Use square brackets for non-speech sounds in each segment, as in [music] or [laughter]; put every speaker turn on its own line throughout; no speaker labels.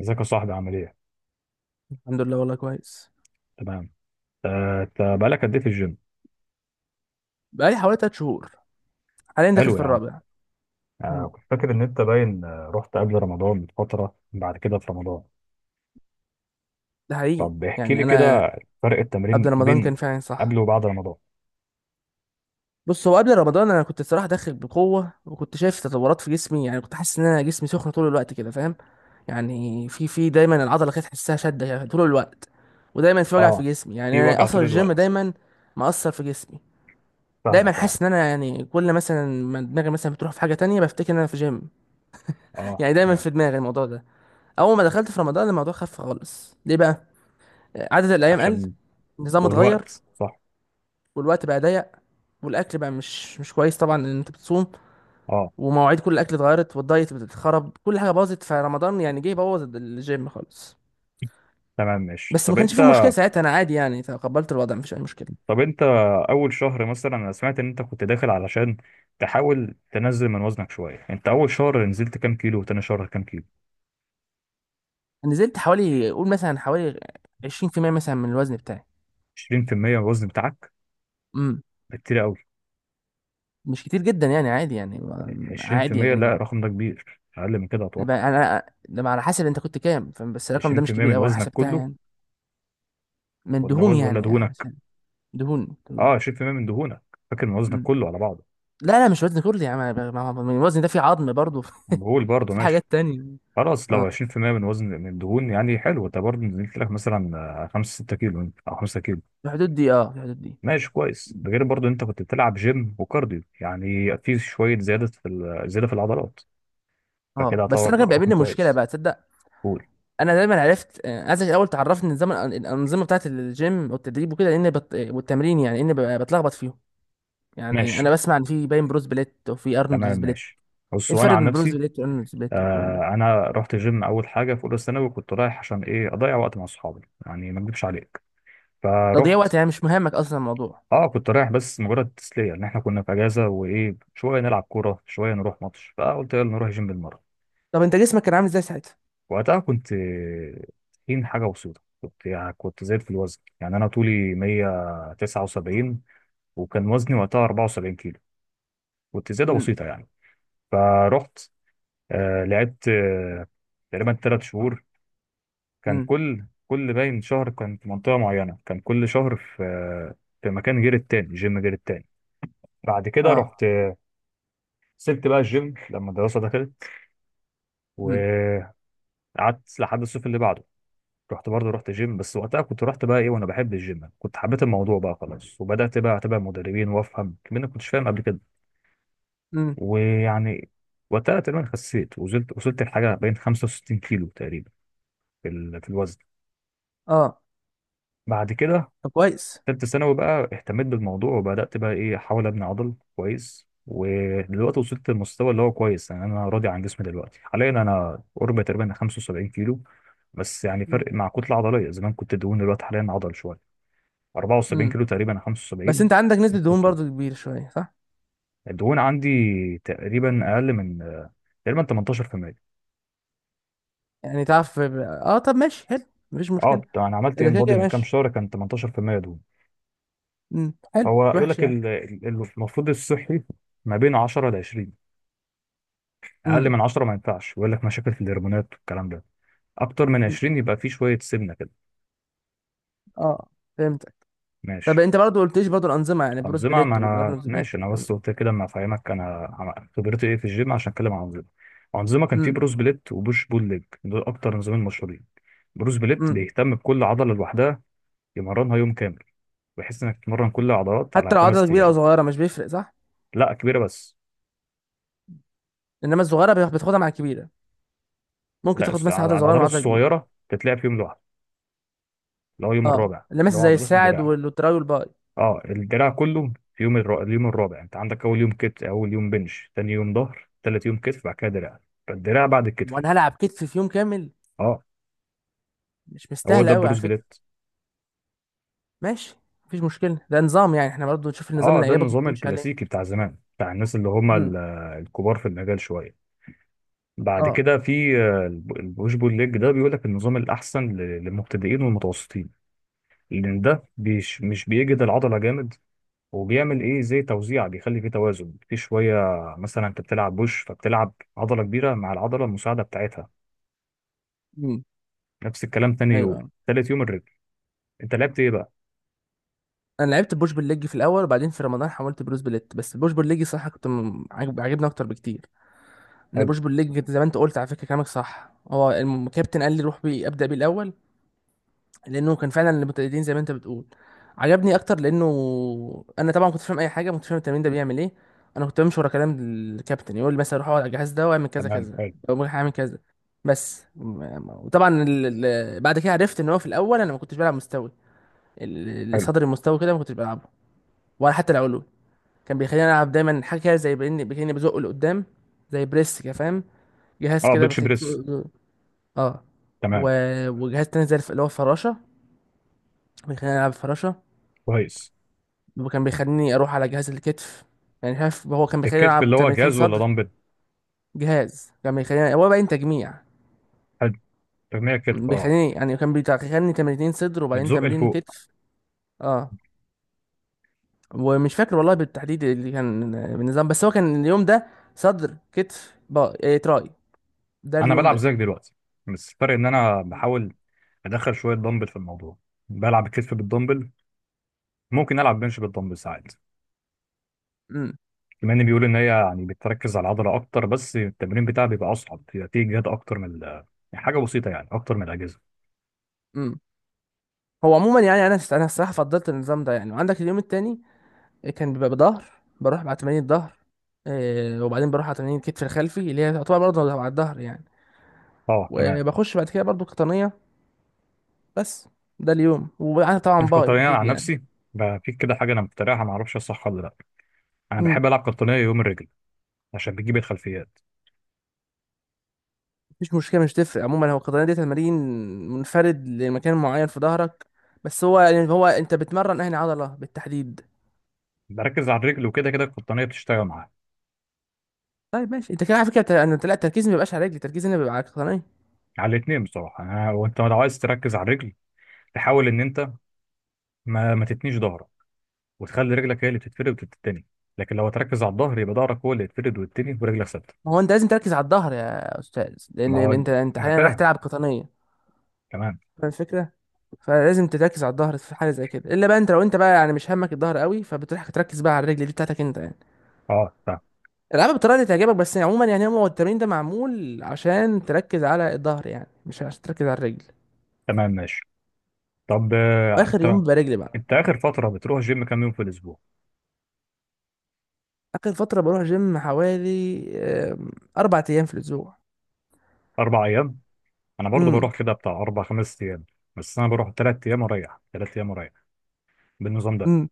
ازيك يا صاحبي عامل ايه؟
الحمد لله، والله كويس.
تمام. انت بقالك قد ايه في الجيم؟
بقالي حوالي 3 شهور، حاليا داخل
حلو
في
يا عم.
الرابع. امم.
كنت فاكر ان انت باين آه، رحت قبل رمضان بفترة بعد كده في رمضان.
ده حقيقي،
طب احكي
يعني
لي
انا
كده فرق
قبل
التمرين
رمضان
بين
كان فعلا
قبل
صح.
وبعد رمضان.
بص، هو قبل رمضان انا كنت الصراحه داخل بقوه، وكنت شايف تطورات في جسمي. يعني كنت حاسس ان انا جسمي سخن طول الوقت كده، فاهم؟ يعني في دايما العضله كانت تحسها شده يعني طول الوقت. ودايما في وجع في
اه،
جسمي. يعني
في
انا
وجع
اصلا
طول
الجيم
الوقت.
دايما مأثر في جسمي. دايما
فاهمك اه.
حاسس ان انا يعني كل مثلا ما دماغي مثلا بتروح في حاجه تانية بفتكر ان انا في جيم.
اه
يعني دايما
تمام.
في دماغي الموضوع ده. اول ما دخلت في رمضان الموضوع خف خالص. ليه بقى؟ عدد الايام قل،
عشان
النظام اتغير،
والوقت صح.
والوقت بقى ضيق، والاكل بقى مش كويس طبعا، ان انت بتصوم.
اه
ومواعيد كل الاكل اتغيرت، والدايت اتخرب، كل حاجه باظت فرمضان. يعني جه بوظ الجيم خالص.
تمام ماشي.
بس ما
طب
كانش
انت
فيه مشكله ساعتها، انا عادي يعني، تقبلت الوضع، مفيش اي مشكله.
طب انت اول شهر مثلا، انا سمعت ان انت كنت داخل علشان تحاول تنزل من وزنك شوية، انت اول شهر نزلت كام كيلو وتاني شهر كام كيلو؟
نزلت حوالي، قول مثلا حوالي 20% مثلا من الوزن بتاعي.
20% من الوزن بتاعك؟
امم.
ده كتير قوي.
مش كتير جدا يعني، عادي يعني، عادي
20%؟ لا،
يعني.
الرقم ده كبير، اقل من كده اتوقع.
يبقى انا لما على حسب انت كنت كام، فاهم؟ بس الرقم ده مش
20%
كبير
من
قوي، انا
وزنك
حسبتها
كله؟
يعني. من
ولا
دهون
وزن ولا
يعني
دهونك؟
عشان. دهون. دهون.
اه، 20% من دهونك، فاكر من وزنك
امم.
كله على بعضه.
لا لا، مش وزن كرسي يا عم، الوزن ده فيه عظم برضه
مهول
[laughs]
برضه،
في حاجات
ماشي.
تانية.
خلاص،
اه،
لو
في
20% من وزن من الدهون يعني حلو، انت برضه نزلت لك مثلا 5 6 كيلو او 5 كيلو.
الحدود دي. اه، في الحدود دي.
ماشي كويس، ده غير برضه انت كنت بتلعب جيم وكارديو، يعني في شويه زياده في زياده في العضلات،
اه
فكده
بس انا
اعتبر
كان
رقم
بيقابلني مشكله
كويس.
بقى، تصدق؟
قول.
انا دايما عرفت. عايزك الاول تعرفني نظام الانظمه بتاعت الجيم والتدريب وكده. لان والتمرين، يعني ان بتلخبط فيهم. يعني
ماشي.
انا بسمع ان في باين بروس بليت وفي ارنولد
تمام
سبليت.
ماشي. بص،
ايه
وانا
الفرق
عن
بين بروس
نفسي
بليت وارنولد سبليت والكلام ده؟
انا رحت جيم اول حاجه في اولى ثانوي، كنت رايح عشان ايه، اضيع وقت مع اصحابي، يعني ما اكدبش عليك،
تضييع
فرحت.
وقت يعني مش مهمك اصلا الموضوع؟
اه كنت رايح بس مجرد تسليه، لان احنا كنا في اجازه وايه، شويه نلعب كوره شويه نروح ماتش، فقلت يلا نروح جيم بالمره.
طب انت جسمك كان عامل ازاي ساعتها؟
وقتها كنت تخين حاجه بسيطه، كنت يعني زاد في الوزن يعني، انا طولي 179 وكان وزني وقتها 74 كيلو، كنت زياده
امم.
بسيطه يعني. فرحت آه، لعبت آه تقريبا ثلاث شهور، كان
امم.
كل كل باين شهر كان في منطقة معينة، كان كل شهر في في مكان غير التاني، جيم غير التاني. بعد كده
اه.
رحت، سبت بقى الجيم لما الدراسة دخلت،
امم.
وقعدت لحد الصيف اللي بعده. رحت برضه، رحت جيم بس وقتها كنت رحت بقى ايه، وانا بحب الجيم كنت حبيت الموضوع بقى خلاص، وبدأت بقى اتابع مدربين وافهم كمان، ما كنتش فاهم قبل كده،
امم.
ويعني وقتها تقريبا خسيت وزلت، وصلت لحاجة بين 65 كيلو تقريبا في في الوزن.
اه.
بعد كده
طب كويس.
تالتة ثانوي بقى اهتميت بالموضوع، وبدأت بقى إيه أحاول أبني عضل كويس، ودلوقتي وصلت للمستوى اللي هو كويس، يعني أنا راضي عن جسمي دلوقتي، حاليا أنا قرب تقريبا 75 كيلو بس يعني
امم.
فرق، مع كتلة عضلية، زمان كنت دهون، دلوقتي حاليا عضل شوية، 74
امم.
كيلو تقريبا
بس
75،
انت عندك نسبة
نفس
دهون
الطول.
برضو كبيرة شوية، صح؟
الدهون عندي تقريبا أقل من، تقريبا 18%.
يعني تعرف. اه، طب ماشي حلو، مفيش
اه،
مشكلة.
انا عملت
اذا
ان
كده
بودي
كده
من كام
ماشي.
شهر، كان 18% دهون.
امم، حلو
هو
مش
يقول
وحش
لك
يعني.
المفروض الصحي ما بين 10 ل 20، اقل
امم.
من 10 ما ينفعش، يقول لك مشاكل في الهرمونات والكلام ده، اكتر من
أمم.
20 يبقى في شويه سمنه كده.
اه، فهمتك. طب
ماشي.
انت برضو قلتليش برضو الانظمة، يعني بروس
انظمه، ما
بليت
انا
والارنولد
ماشي،
بليت
انا
والكلام
بس قلت
ده.
كده اما افهمك انا خبرتي ايه في الجيم عشان اتكلم عن انظمه. انظمه كان في
امم.
بروس بليت وبوش بول ليج، دول اكتر نظامين مشهورين. بروس بليت
امم.
بيهتم بكل عضله لوحدها، يمرنها يوم كامل، بحيث انك تمرن كل العضلات
حتى
على
لو عضلة
خمس
كبيرة او
ايام.
صغيرة مش بيفرق، صح؟
لا، كبيره بس.
انما الصغيرة بتاخدها مع الكبيرة. ممكن
لا
تاخد
الس-
مثلا عضلة
على
صغيرة
العضلات
مع عضلة كبيرة.
الصغيره تتلعب في يوم لوحده، اللي هو يوم
اه،
الرابع،
اللي
اللي
مثلا
هو
زي
عضلات
الساعد
الدراع.
والتراي والباي.
اه الدراع كله في اليوم الرابع، انت عندك اول يوم كتف، اول يوم بنش، تاني يوم ظهر، تالت يوم كتف، بعد كده دراع، فالدراع بعد الكتف.
وانا هلعب كتف في يوم كامل؟
اه
مش
هو
مستاهلة
ده
قوي على
بروس
فكرة.
جليت.
ماشي، مفيش مشكلة. ده نظام يعني، احنا برضو نشوف النظام
اه
اللي
ده
يعجبك
النظام
وتمشي عليه.
الكلاسيكي بتاع زمان، بتاع الناس اللي هم الكبار في المجال شويه. بعد
اه.
كده في البوش بول ليج، ده بيقول لك النظام الاحسن للمبتدئين والمتوسطين، لان ده مش بيجهد العضله جامد، وبيعمل ايه زي توزيع، بيخلي فيه توازن في شويه. مثلا انت بتلعب بوش، فبتلعب عضله كبيره مع العضله المساعده بتاعتها،
امم.
نفس الكلام تاني يوم،
ايوه.
تالت يوم الرجل. انت لعبت ايه بقى؟
انا لعبت بوش بالليج في الاول، وبعدين في رمضان حولت بروس بليت. بس بوش بالليج صح، كنت عاجبني اكتر بكتير. ان
حلو.
بوش بالليج كنت زي ما انت قلت على فكره، كلامك صح. هو الكابتن قال لي روح بيه، ابدا بيه الاول. لانه كان فعلا المبتدئين زي ما انت بتقول، عجبني اكتر. لانه انا طبعا كنت فاهم اي حاجه، كنت فاهم التمرين ده بيعمل ايه. انا كنت بمشي ورا كلام الكابتن، يقول لي مثلا روح اقعد على الجهاز ده واعمل كذا
تمام
كذا.
حلو.
او هعمل كذا. بس وطبعا بعد كده عرفت ان هو في الاول انا ما كنتش بلعب مستوي.
حلو.
صدر المستوى كده ما كنتش بلعبه، ولا حتى العلوي. كان بيخليني العب دايما حاجه كده زي باني، بيخليني بزقه لقدام، زي بريس كده، فاهم؟ جهاز
اه
كده
بنش بريس.
اه.
تمام
و... وجهاز تاني زي اللي هو الفراشه، بيخليني العب فراشه.
كويس.
وكان بيخليني اروح على جهاز الكتف. يعني شايف، هو كان بيخليني
الكتف
العب
اللي هو
تمرينتين
جهاز ولا
صدر.
دمبل؟
جهاز كان بيخليني، هو باين تجميع.
حلو، تجميع كتف اه.
بيخليني يعني كان بيخليني تمرينتين صدر وبعدين
بتزق
تمرين
لفوق.
كتف. اه. ومش فاكر والله بالتحديد اللي كان بالنظام. بس هو كان اليوم ده صدر، كتف، با إيه، تراي. ده
انا
اليوم
بلعب
ده.
زيك دلوقتي، بس الفرق ان انا بحاول ادخل شويه دمبل في الموضوع، بلعب الكتف بالدمبل، ممكن العب بنش بالدمبل ساعات،
امم.
بما ان بيقول ان هي يعني بتركز على العضله اكتر، بس التمرين بتاعها بيبقى اصعب، بيبقى فيه جهد اكتر من يعني حاجه بسيطه، يعني اكتر من الاجهزه.
امم. هو عموما يعني انا انا الصراحه فضلت النظام ده يعني. وعندك اليوم التاني كان بيبقى بظهر، بروح مع تمارين الظهر. وبعدين بروح على تمارين الكتف الخلفي اللي هي تعتبر برضه على الظهر يعني.
اه تمام.
وبخش بعد كده برضه قطنيه. بس ده اليوم. وطبعا
مش
باي
قطنية أنا
اكيد
عن
يعني.
نفسي، بقى في كده حاجة أنا مخترعها، معرفش هي صح ولا لأ، أنا بحب ألعب قطنية يوم الرجل، عشان بتجيب الخلفيات.
مش مشكلة، مش تفرق عموما. هو القطنية دي تمارين منفرد لمكان معين في ظهرك. بس هو يعني هو انت بتمرن اهني عضلة بالتحديد.
بركز على الرجل، وكده كده القطنية بتشتغل معاها.
طيب ماشي، انت كده على فكرة، انا لا، التركيز ما بيبقاش على رجلي، التركيز هنا بيبقى على القطنية.
على الاتنين بصراحة، أنا وأنت لو عايز تركز على الرجل، تحاول إن أنت ما تتنيش ظهرك، وتخلي رجلك هي اللي بتتفرد وتتني، لكن لو هتركز على الظهر، يبقى ظهرك هو اللي يتفرد ويتني، ورجلك ثابتة.
ما هو انت لازم تركز على الظهر يا استاذ، لان
ما هو.
انت انت
أنا
حاليا رايح
فاهم.
تلعب قطنية.
تمام.
فاهم الفكرة؟ فلازم تركز على الظهر في حاجة زي كده. الا بقى انت، لو انت بقى يعني مش همك الظهر قوي، فبتروح تركز بقى على الرجل دي بتاعتك انت يعني.
أه فاهم.
العبها بالطريقة اللي تعجبك. بس يعني عموما يعني، هو التمرين ده معمول عشان تركز على الظهر، يعني مش عشان تركز على الرجل.
تمام ماشي. طب
واخر
أنت،
يوم بيبقى رجلي بقى.
أنت آخر فترة بتروح جيم كام يوم في الأسبوع؟
اخر فتره بروح جيم حوالي، آم، 4 ايام في الاسبوع.
أربع أيام؟ انا برضو
امم.
بروح كده بتاع اربع خمس ايام، بس انا بروح تلات ايام واريح، تلات ايام واريح، بالنظام ده.
امم.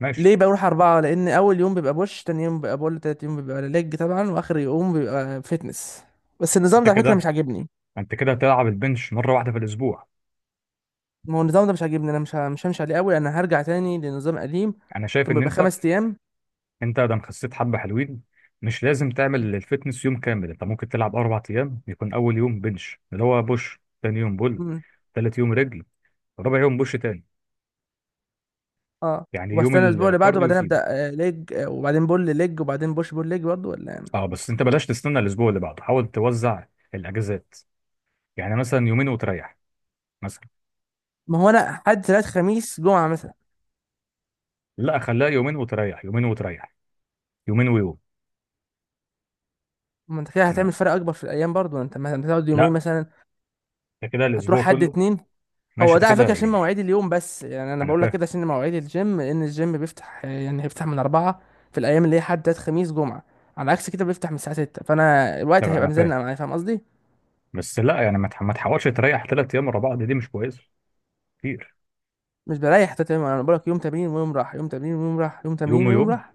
ماشي.
ليه بروح اربعه؟ لان اول يوم بيبقى بوش، تاني يوم بيبقى بول، تالت يوم بيبقى ليج طبعا، واخر يوم بيبقى فتنس. بس
بس
النظام
انت
ده على فكره
كده،
مش عاجبني.
انت كده هتلعب البنش مره واحده في الاسبوع.
ما هو النظام ده مش عاجبني، انا مش همشي عليه قوي. انا هرجع تاني لنظام قديم
انا شايف
كان
ان
بيبقى
انت،
5 ايام.
انت ده خسيت حبه حلوين، مش لازم تعمل الفتنس يوم كامل، انت ممكن تلعب اربع ايام، يكون اول يوم بنش اللي هو بوش، تاني يوم بول،
امم.
تالت يوم رجل، رابع يوم بوش تاني،
اه.
يعني يوم
وبستنى الاسبوع اللي بعده
الكارديو
وبعدين
سيبه.
ابدا ليج، وبعدين بول ليج، وبعدين بوش بول ليج برضه، ولا إيه؟
اه بس انت بلاش تستنى الاسبوع اللي بعده، حاول توزع الاجازات، يعني مثلا يومين وتريح مثلا.
ما هو انا حد ثلاث خميس جمعه مثلا.
لا خليها يومين وتريح، يومين وتريح، يومين ويوم.
ما انت كده هتعمل
أنا-
فرق اكبر في الايام برضو، انت مثلا هتقعد يومين
لا،
مثلا،
ده كده
هتروح
الاسبوع
حد
كله.
اتنين.
ماشي،
هو
ده
ده على
كده
فكره عشان مواعيد اليوم. بس يعني انا
انا
بقول لك
فاهم.
كده عشان مواعيد الجيم، لان الجيم بيفتح يعني بيفتح من اربعة في الايام اللي هي حد تلات خميس جمعه. على عكس كده بيفتح من الساعه ستة، فانا الوقت
طب
هيبقى
انا فاهم
مزنق معايا، فاهم قصدي؟
بس لا، يعني ما تحاولش تريح ثلاث ايام ورا بعض، دي مش كويسه كتير.
مش بريح، تمام. انا بقول لك يوم تمرين ويوم راح، يوم تمرين ويوم راح، يوم
يوم
تمرين ويوم
ويوم.
راح.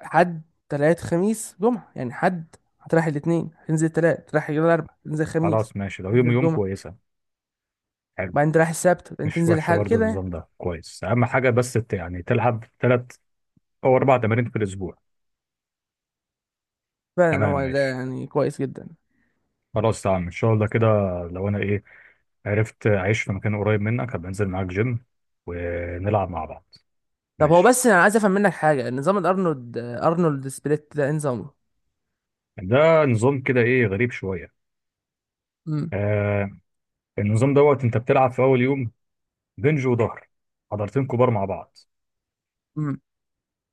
حد، تلات، خميس، جمعه يعني. حد، هتروح الاثنين، تنزل تلات، تروح الاربع، تنزل خميس،
خلاص ماشي، لو يوم
تنزل
ويوم
جمعه،
كويسه. حلو.
وبعدين تروح السبت وبعدين
مش
تنزل
وحشه
الحد
برضو،
كده يعني.
النظام ده كويس، اهم حاجه بس يعني تلعب ثلاث او اربع تمارين في الاسبوع.
فعلا
تمام
هو ده
ماشي.
يعني كويس جدا.
خلاص تمام ان شاء الله كده. لو انا ايه عرفت اعيش في مكان قريب منك هبقى انزل معاك جيم ونلعب مع بعض.
طب هو
ماشي.
بس انا عايز افهم منك حاجه، نظام الارنولد، ارنولد سبليت ده إيه نظامه؟
ده نظام كده ايه غريب شويه.
امم.
آه، النظام دوت، انت بتلعب في اول يوم بنج وظهر، عضلتين كبار مع بعض.
امم.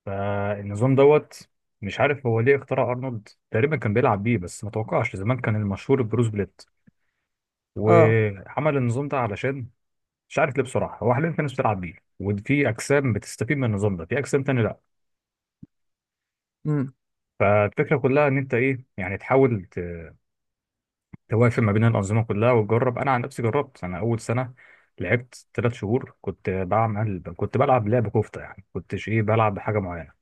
فالنظام دوت مش عارف هو ليه اخترع، ارنولد تقريبا كان بيلعب بيه، بس ما توقعش، زمان كان المشهور البروس بليت،
اه.
وعمل النظام ده علشان مش عارف ليه بصراحه. هو حاليا في ناس بتلعب بيه، وفي اجسام بتستفيد من النظام ده، في اجسام تاني لا.
امم.
فالفكره كلها ان انت ايه، يعني توافق ما بين الانظمه كلها وتجرب. انا عن نفسي جربت، انا اول سنه لعبت ثلاث شهور، كنت بعمل، كنت بلعب لعب كفته، يعني كنتش ايه بلعب بحاجه معينه.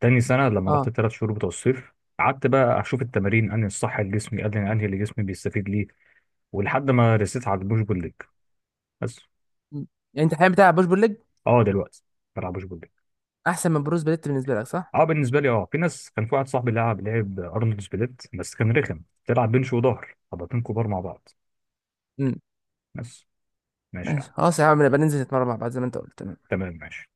تاني سنة لما رحت
اه.
الثلاث شهور بتوع الصيف، قعدت بقى أشوف التمارين أنهي الصح لجسمي، أنهي اللي جسمي بيستفيد ليه، ولحد ما رسيت على البوش بول ليج بس.
مم. يعني انت الحين بتاع بوش بول ليج،
أه دلوقتي بلعب بوش بول ليج.
احسن من بروس بليت بالنسبه لك صح؟
أه بالنسبة لي أه، في ناس، كان في واحد صاحبي لعب أرنولد سبليت، بس كان رخم، تلعب بنش وظهر عضلتين كبار مع بعض.
امم.
بس ماشي يا عم.
ماشي، خلاص يا عم نبقى ننزل نتمرن مع بعض زي ما انت قلت، تمام.
تمام ماشي.